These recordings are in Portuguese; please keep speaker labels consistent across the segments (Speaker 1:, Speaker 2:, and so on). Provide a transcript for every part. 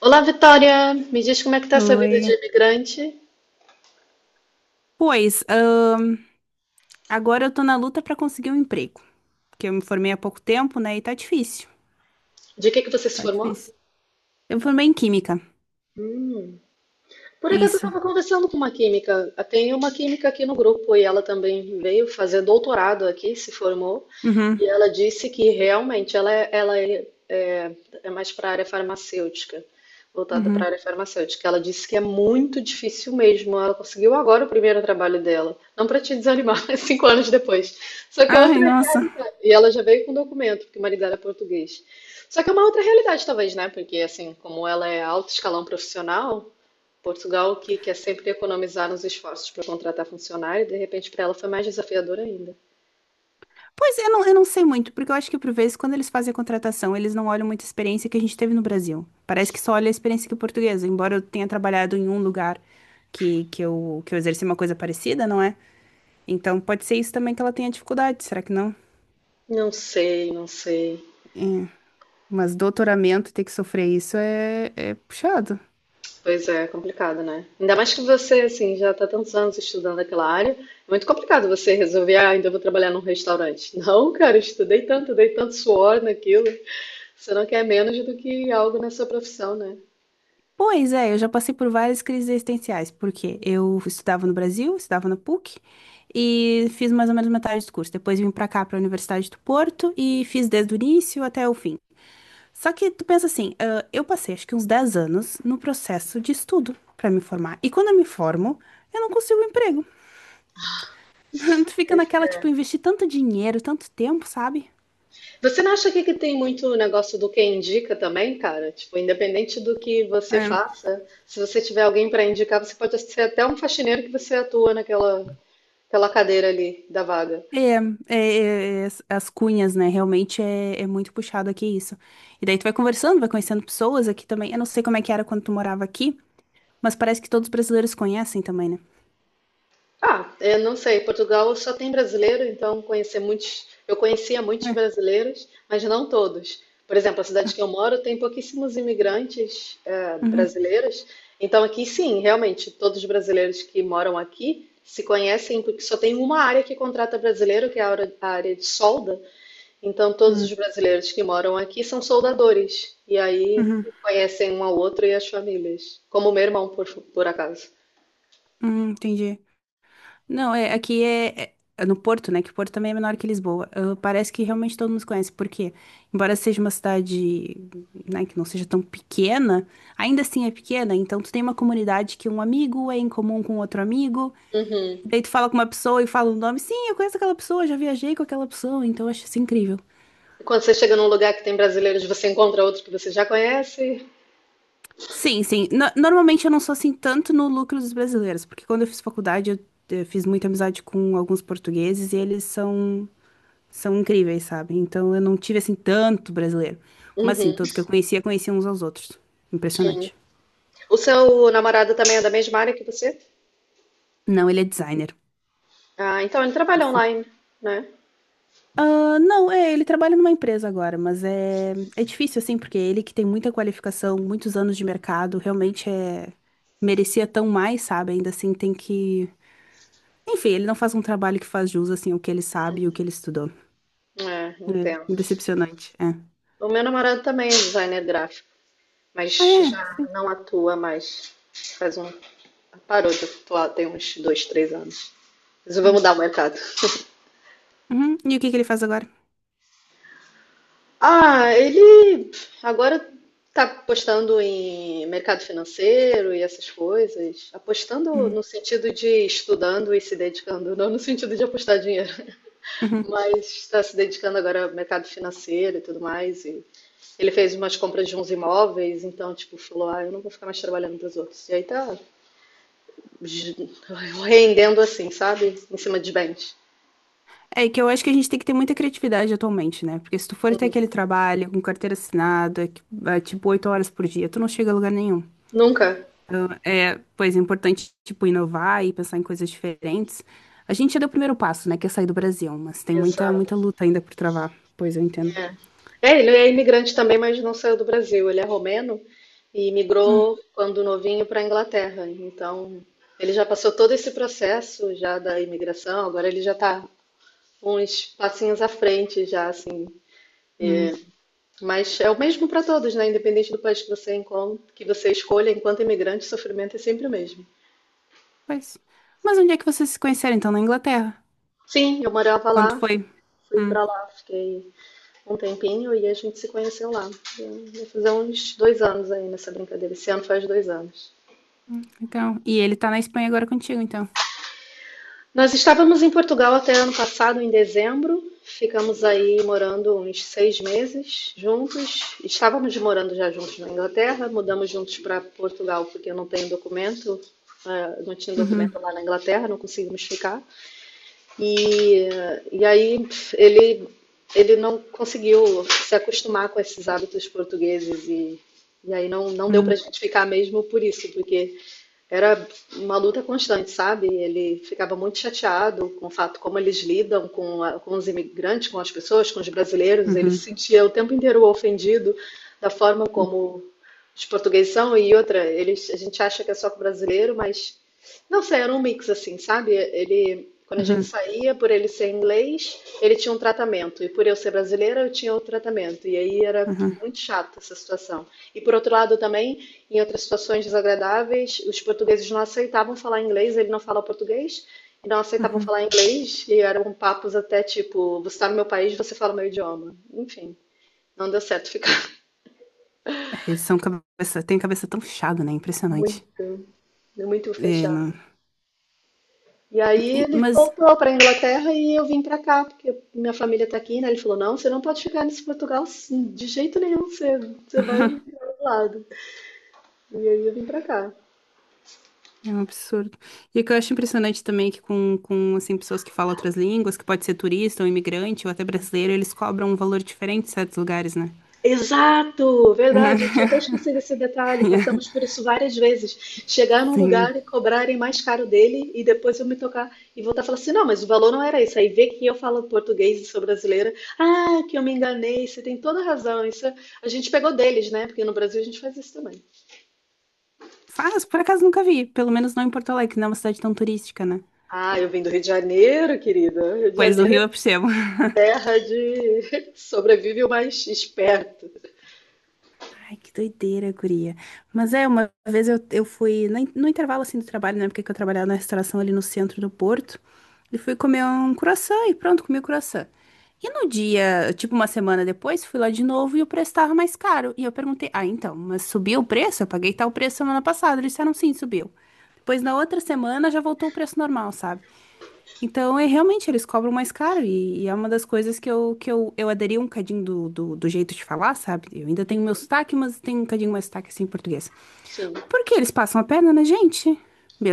Speaker 1: Olá, Vitória! Me diz como é que tá essa vida de
Speaker 2: Oi.
Speaker 1: imigrante?
Speaker 2: Pois, agora eu tô na luta pra conseguir um emprego, porque eu me formei há pouco tempo, né? E tá difícil.
Speaker 1: De que você se
Speaker 2: Tá
Speaker 1: formou?
Speaker 2: difícil. Eu me formei em química.
Speaker 1: Hum. Por acaso eu
Speaker 2: Isso.
Speaker 1: estava conversando com uma química. Tem uma química aqui no grupo e ela também veio fazer doutorado aqui, se formou,
Speaker 2: Uhum.
Speaker 1: e ela disse que realmente ela é mais para a área farmacêutica, voltada para
Speaker 2: Uhum.
Speaker 1: a área farmacêutica. Ela disse que é muito difícil mesmo. Ela conseguiu agora o primeiro trabalho dela. Não para te desanimar, mas 5 anos depois. Só que é
Speaker 2: Ai,
Speaker 1: outra
Speaker 2: nossa.
Speaker 1: realidade. E ela já veio com documento, porque o marido dela é português. Só que é uma outra realidade, talvez, né? Porque, assim, como ela é alto escalão profissional, Portugal, que quer sempre economizar nos esforços para contratar funcionário, de repente para ela foi mais desafiador ainda.
Speaker 2: Pois eu não sei muito, porque eu acho que por vezes quando eles fazem a contratação, eles não olham muito a experiência que a gente teve no Brasil. Parece que só olha a experiência aqui portuguesa, embora eu tenha trabalhado em um lugar que eu exerci uma coisa parecida, não é? Então pode ser isso também que ela tenha dificuldade, será que não?
Speaker 1: Não sei, não sei.
Speaker 2: É. Mas doutoramento ter que sofrer isso é puxado.
Speaker 1: Pois é, é complicado, né? Ainda mais que você, assim, já está tantos anos estudando aquela área, é muito complicado você resolver, ah, ainda vou trabalhar num restaurante. Não, cara, eu estudei tanto, dei tanto suor naquilo. Você não quer menos do que algo na sua profissão, né?
Speaker 2: Pois é, eu já passei por várias crises existenciais, porque eu estudava no Brasil, estudava na PUC, e fiz mais ou menos metade do curso. Depois vim pra cá, pra Universidade do Porto, e fiz desde o início até o fim. Só que tu pensa assim, ah, eu passei acho que uns 10 anos no processo de estudo pra me formar. E quando eu me formo, eu não consigo um emprego. Tu fica
Speaker 1: Esse
Speaker 2: naquela, tipo, investir tanto dinheiro, tanto tempo, sabe?
Speaker 1: Você não acha que tem muito o negócio do quem indica também, cara? Tipo, independente do que você faça, se você tiver alguém para indicar, você pode ser até um faxineiro que você atua naquela, aquela cadeira ali da vaga.
Speaker 2: É, é, é, as cunhas, né? Realmente é muito puxado aqui isso. E daí tu vai conversando, vai conhecendo pessoas aqui também. Eu não sei como é que era quando tu morava aqui, mas parece que todos os brasileiros conhecem também, né?
Speaker 1: Ah, eu não sei. Portugal só tem brasileiro, então conhecer muitos, eu conhecia muitos
Speaker 2: É.
Speaker 1: brasileiros, mas não todos. Por exemplo, a cidade que eu moro tem pouquíssimos imigrantes
Speaker 2: Uhum,
Speaker 1: brasileiros. Então aqui sim, realmente, todos os brasileiros que moram aqui se conhecem, porque só tem uma área que contrata brasileiro, que é a área de solda. Então todos os
Speaker 2: uhum,
Speaker 1: brasileiros que moram aqui são soldadores. E aí
Speaker 2: uhum,
Speaker 1: conhecem um ao outro e as famílias. Como o meu irmão, por acaso.
Speaker 2: uhum, entendi. Não, é, aqui é no Porto, né? Que o Porto também é menor que Lisboa. Ah, parece que realmente todo mundo se conhece, porque, embora seja uma cidade, né, que não seja tão pequena, ainda assim é pequena, então tu tem uma comunidade que um amigo é em comum com outro amigo.
Speaker 1: Uhum.
Speaker 2: Daí tu fala com uma pessoa e fala o nome. Sim, eu conheço aquela pessoa, já viajei com aquela pessoa, então eu acho isso incrível.
Speaker 1: Quando você chega num lugar que tem brasileiros, você encontra outro que você já conhece.
Speaker 2: Sim, sim. Normalmente eu não sou assim tanto no lucro dos brasileiros, porque quando eu fiz faculdade fiz muita amizade com alguns portugueses e eles são incríveis, sabe? Então eu não tive assim tanto brasileiro. Mas assim,
Speaker 1: Uhum.
Speaker 2: todos que eu conhecia, conheciam uns aos outros. Impressionante.
Speaker 1: O seu namorado também é da mesma área que você?
Speaker 2: Não, ele é designer.
Speaker 1: Ah, então ele trabalha online, né?
Speaker 2: Ah, não, é, ele trabalha numa empresa agora, mas é difícil, assim, porque ele que tem muita qualificação, muitos anos de mercado, realmente é, merecia tão mais, sabe? Ainda assim, tem que. Enfim, ele não faz um trabalho que faz jus, assim, o que ele sabe e o que ele estudou.
Speaker 1: É,
Speaker 2: É,
Speaker 1: entendo.
Speaker 2: decepcionante, é.
Speaker 1: O meu namorado também é designer gráfico,
Speaker 2: Ah,
Speaker 1: mas
Speaker 2: é?
Speaker 1: já
Speaker 2: Sim.
Speaker 1: não atua mais. Faz um. Parou de atuar tem uns dois, três anos. Resolveu
Speaker 2: Hum.
Speaker 1: mudar o mercado.
Speaker 2: Uhum. E o que que ele faz agora?
Speaker 1: Ah, ele agora está apostando em mercado financeiro e essas coisas. Apostando
Speaker 2: Uhum.
Speaker 1: no sentido de estudando e se dedicando, não no sentido de apostar dinheiro,
Speaker 2: Uhum.
Speaker 1: mas está se dedicando agora ao mercado financeiro e tudo mais. E ele fez umas compras de uns imóveis, então, tipo, falou: Ah, eu não vou ficar mais trabalhando para os outros. E aí tá j- rendendo assim, sabe? Em cima de bens.
Speaker 2: É que eu acho que a gente tem que ter muita criatividade atualmente, né? Porque se tu for ter aquele trabalho com carteira assinada, é, tipo, 8 horas por dia, tu não chega a lugar nenhum.
Speaker 1: Nunca.
Speaker 2: Então, é, pois é importante, tipo, inovar e pensar em coisas diferentes. A gente já deu o primeiro passo, né, que é sair do Brasil, mas tem muita,
Speaker 1: Exato.
Speaker 2: muita luta ainda por travar. Pois eu entendo.
Speaker 1: É, É, ele é imigrante também, mas não saiu do Brasil. Ele é romeno e
Speaker 2: Hum,
Speaker 1: migrou quando novinho para a Inglaterra. Então, ele já passou todo esse processo já da imigração, agora ele já está uns passinhos à frente já, assim.
Speaker 2: hum,
Speaker 1: Mas é o mesmo para todos, né? Independente do país que você encontra, que você escolha, enquanto imigrante, o sofrimento é sempre o mesmo.
Speaker 2: pois. Mas onde é que vocês se conheceram, então? Na Inglaterra?
Speaker 1: Sim, eu morava
Speaker 2: Quando
Speaker 1: lá,
Speaker 2: foi?
Speaker 1: fui
Speaker 2: Hum,
Speaker 1: para lá, fiquei um tempinho e a gente se conheceu lá. E vai fazer uns 2 anos aí nessa brincadeira. Esse ano faz 2 anos.
Speaker 2: então. E ele tá na Espanha agora contigo, então.
Speaker 1: Nós estávamos em Portugal até ano passado, em dezembro. Ficamos aí morando uns 6 meses juntos. Estávamos morando já juntos na Inglaterra, mudamos juntos para Portugal porque eu não tenho documento, não tinha documento
Speaker 2: Uhum,
Speaker 1: lá na Inglaterra, não conseguimos ficar. E aí ele, ele não conseguiu se acostumar com esses hábitos portugueses e aí não, não deu para a
Speaker 2: uhum,
Speaker 1: gente ficar mesmo por isso, porque era uma luta constante, sabe? Ele ficava muito chateado com o fato como eles lidam com os imigrantes, com as pessoas, com os brasileiros. Ele
Speaker 2: uhum,
Speaker 1: se sentia o tempo inteiro ofendido da forma como os portugueses são e outra, eles, a gente acha que é só com o brasileiro, mas não sei, era um mix assim, sabe? Ele, quando a gente
Speaker 2: uhum,
Speaker 1: saía, por ele ser inglês, ele tinha um tratamento, e por eu ser brasileira, eu tinha outro tratamento. E aí era
Speaker 2: uhum,
Speaker 1: muito chato essa situação. E por outro lado também, em outras situações desagradáveis, os portugueses não aceitavam falar inglês, ele não fala português, e não aceitavam
Speaker 2: uhum.
Speaker 1: falar inglês, e eram papos até tipo, você está no meu país, você fala o meu idioma. Enfim, não deu certo ficar.
Speaker 2: É, eles são cabeça, tem cabeça tão fechada, né? Impressionante.
Speaker 1: Muito, muito
Speaker 2: É,
Speaker 1: fechado. E aí ele
Speaker 2: mas
Speaker 1: voltou para Inglaterra e eu vim para cá, porque minha família está aqui, né? Ele falou: "Não, você não pode ficar nesse Portugal assim, de jeito nenhum, você vai para outro lado". E aí eu vim para cá.
Speaker 2: é um absurdo. E o que eu acho impressionante também é que com assim, pessoas que falam outras línguas, que pode ser turista ou imigrante ou até brasileiro, eles cobram um valor diferente em certos lugares, né?
Speaker 1: Exato, verdade. Eu tinha até esquecido esse detalhe. Passamos por isso várias vezes. Chegar num
Speaker 2: Sim.
Speaker 1: lugar e
Speaker 2: Assim,
Speaker 1: cobrarem mais caro dele e depois eu me tocar e voltar a falar assim: não, mas o valor não era isso. Aí vê que eu falo português e sou brasileira. Ah, que eu me enganei. Você tem toda razão. Isso a gente pegou deles, né? Porque no Brasil a gente faz isso também.
Speaker 2: faz, por acaso nunca vi, pelo menos não em Porto Alegre, que não é uma cidade tão turística, né?
Speaker 1: Ah, eu vim do Rio de Janeiro, querida. Rio de
Speaker 2: Pois no
Speaker 1: Janeiro
Speaker 2: Rio
Speaker 1: é
Speaker 2: eu percebo.
Speaker 1: terra de sobrevive o mais esperto.
Speaker 2: Ai, que doideira, guria. Mas é, uma vez eu fui na no intervalo assim do trabalho, na época que eu trabalhava na restauração ali no centro do Porto, e fui comer um croissant e pronto, comi o croissant. E no dia, tipo uma semana depois, fui lá de novo e o preço estava mais caro. E eu perguntei, ah, então, mas subiu o preço? Eu paguei tal preço semana passada. Eles disseram, sim, subiu. Depois, na outra semana, já voltou o preço normal, sabe? Então, é realmente, eles cobram mais caro e é uma das coisas que eu aderi um cadinho do jeito de falar, sabe? Eu ainda tenho meu sotaque, mas tenho um cadinho mais sotaque assim em português.
Speaker 1: Sim,
Speaker 2: Porque eles passam a perna na gente,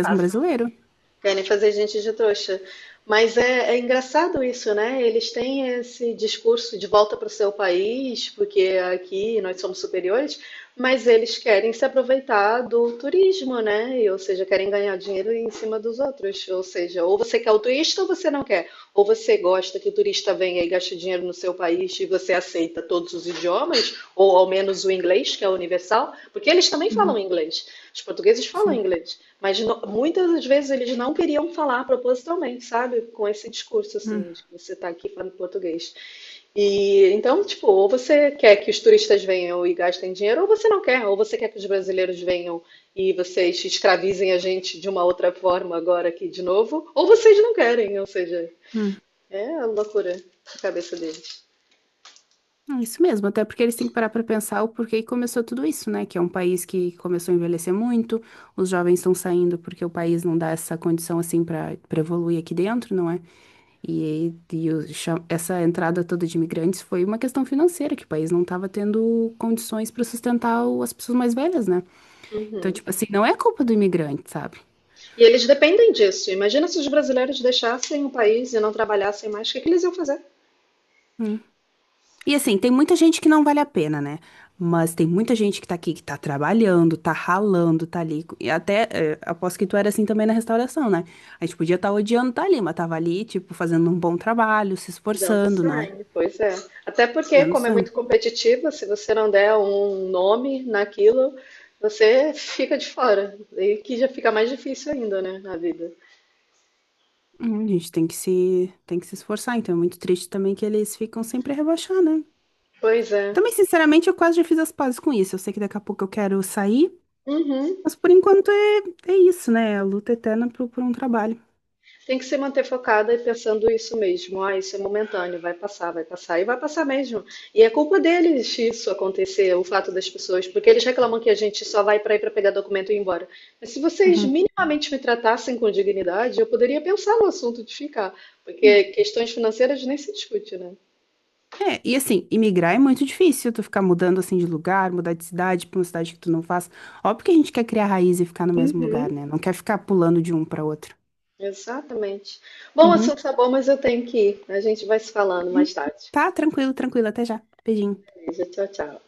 Speaker 1: tá.
Speaker 2: brasileiro.
Speaker 1: Querem fazer gente de trouxa. Mas é engraçado isso, né? Eles têm esse discurso de volta para o seu país, porque aqui nós somos superiores, mas eles querem se aproveitar do turismo, né? Ou seja, querem ganhar dinheiro em cima dos outros. Ou seja, ou você quer o turista ou você não quer. Ou você gosta que o turista venha e gaste dinheiro no seu país e você aceita todos os idiomas, ou ao menos o inglês, que é universal, porque eles também
Speaker 2: Uhum,
Speaker 1: falam inglês. Os portugueses falam
Speaker 2: sim.
Speaker 1: inglês. Mas muitas das vezes eles não queriam falar propositalmente, sabe? Com esse discurso,
Speaker 2: Hum,
Speaker 1: assim, de que você tá aqui falando português. E então, tipo, ou você quer que os turistas venham e gastem dinheiro, ou você não quer, ou você quer que os brasileiros venham e vocês escravizem a gente de uma outra forma agora aqui de novo, ou vocês não querem, ou seja,
Speaker 2: hum.
Speaker 1: é a loucura da cabeça deles.
Speaker 2: É. Isso mesmo, até porque eles têm que parar pra pensar o porquê que começou tudo isso, né? Que é um país que começou a envelhecer muito, os jovens estão saindo porque o país não dá essa condição assim pra para evoluir aqui dentro, não é? E, aí, essa entrada toda de imigrantes foi uma questão financeira, que o país não estava tendo condições para sustentar as pessoas mais velhas, né? Então,
Speaker 1: Uhum.
Speaker 2: tipo assim, não é culpa do imigrante, sabe?
Speaker 1: E eles dependem disso. Imagina se os brasileiros deixassem o país e não trabalhassem mais, o que que eles iam fazer?
Speaker 2: Hum. E assim, tem muita gente que não vale a pena, né? Mas tem muita gente que tá aqui, que tá trabalhando, tá ralando, tá ali. E até, aposto que tu era assim também na restauração, né? A gente podia estar odiando tá ali, mas tava ali, tipo, fazendo um bom trabalho, se
Speaker 1: Dando
Speaker 2: esforçando, não é?
Speaker 1: sign, pois é. Até porque,
Speaker 2: Não,
Speaker 1: como é
Speaker 2: não.
Speaker 1: muito competitiva, se você não der um nome naquilo, você fica de fora. E que já fica mais difícil ainda, né, na vida.
Speaker 2: Hum. A gente tem que se esforçar, então é muito triste também que eles ficam sempre a rebaixar, né?
Speaker 1: Pois é.
Speaker 2: Também, sinceramente, eu quase já fiz as pazes com isso. Eu sei que daqui a pouco eu quero sair,
Speaker 1: Uhum.
Speaker 2: mas por enquanto é isso, né? É. A luta eterna por um trabalho.
Speaker 1: Tem que se manter focada e pensando isso mesmo. Ah, isso é momentâneo, vai passar, vai passar. E vai passar mesmo. E é culpa deles isso acontecer, o fato das pessoas, porque eles reclamam que a gente só vai para ir para pegar documento e ir embora. Mas se vocês
Speaker 2: Uhum.
Speaker 1: minimamente me tratassem com dignidade, eu poderia pensar no assunto de ficar,
Speaker 2: Hum.
Speaker 1: porque questões financeiras nem se discute, né?
Speaker 2: É, e assim, imigrar é muito difícil, tu ficar mudando assim de lugar, mudar de cidade pra uma cidade que tu não faz. Óbvio que a gente quer criar raiz e ficar no mesmo lugar,
Speaker 1: Uhum,
Speaker 2: né? Não quer ficar pulando de um pra outro.
Speaker 1: exatamente. Bom, o
Speaker 2: Uhum.
Speaker 1: assunto tá bom, mas eu tenho que ir. A gente vai se falando
Speaker 2: Uhum.
Speaker 1: mais tarde.
Speaker 2: Tá, tranquilo, tranquilo, até já. Beijinho.
Speaker 1: Beleza, tchau, tchau.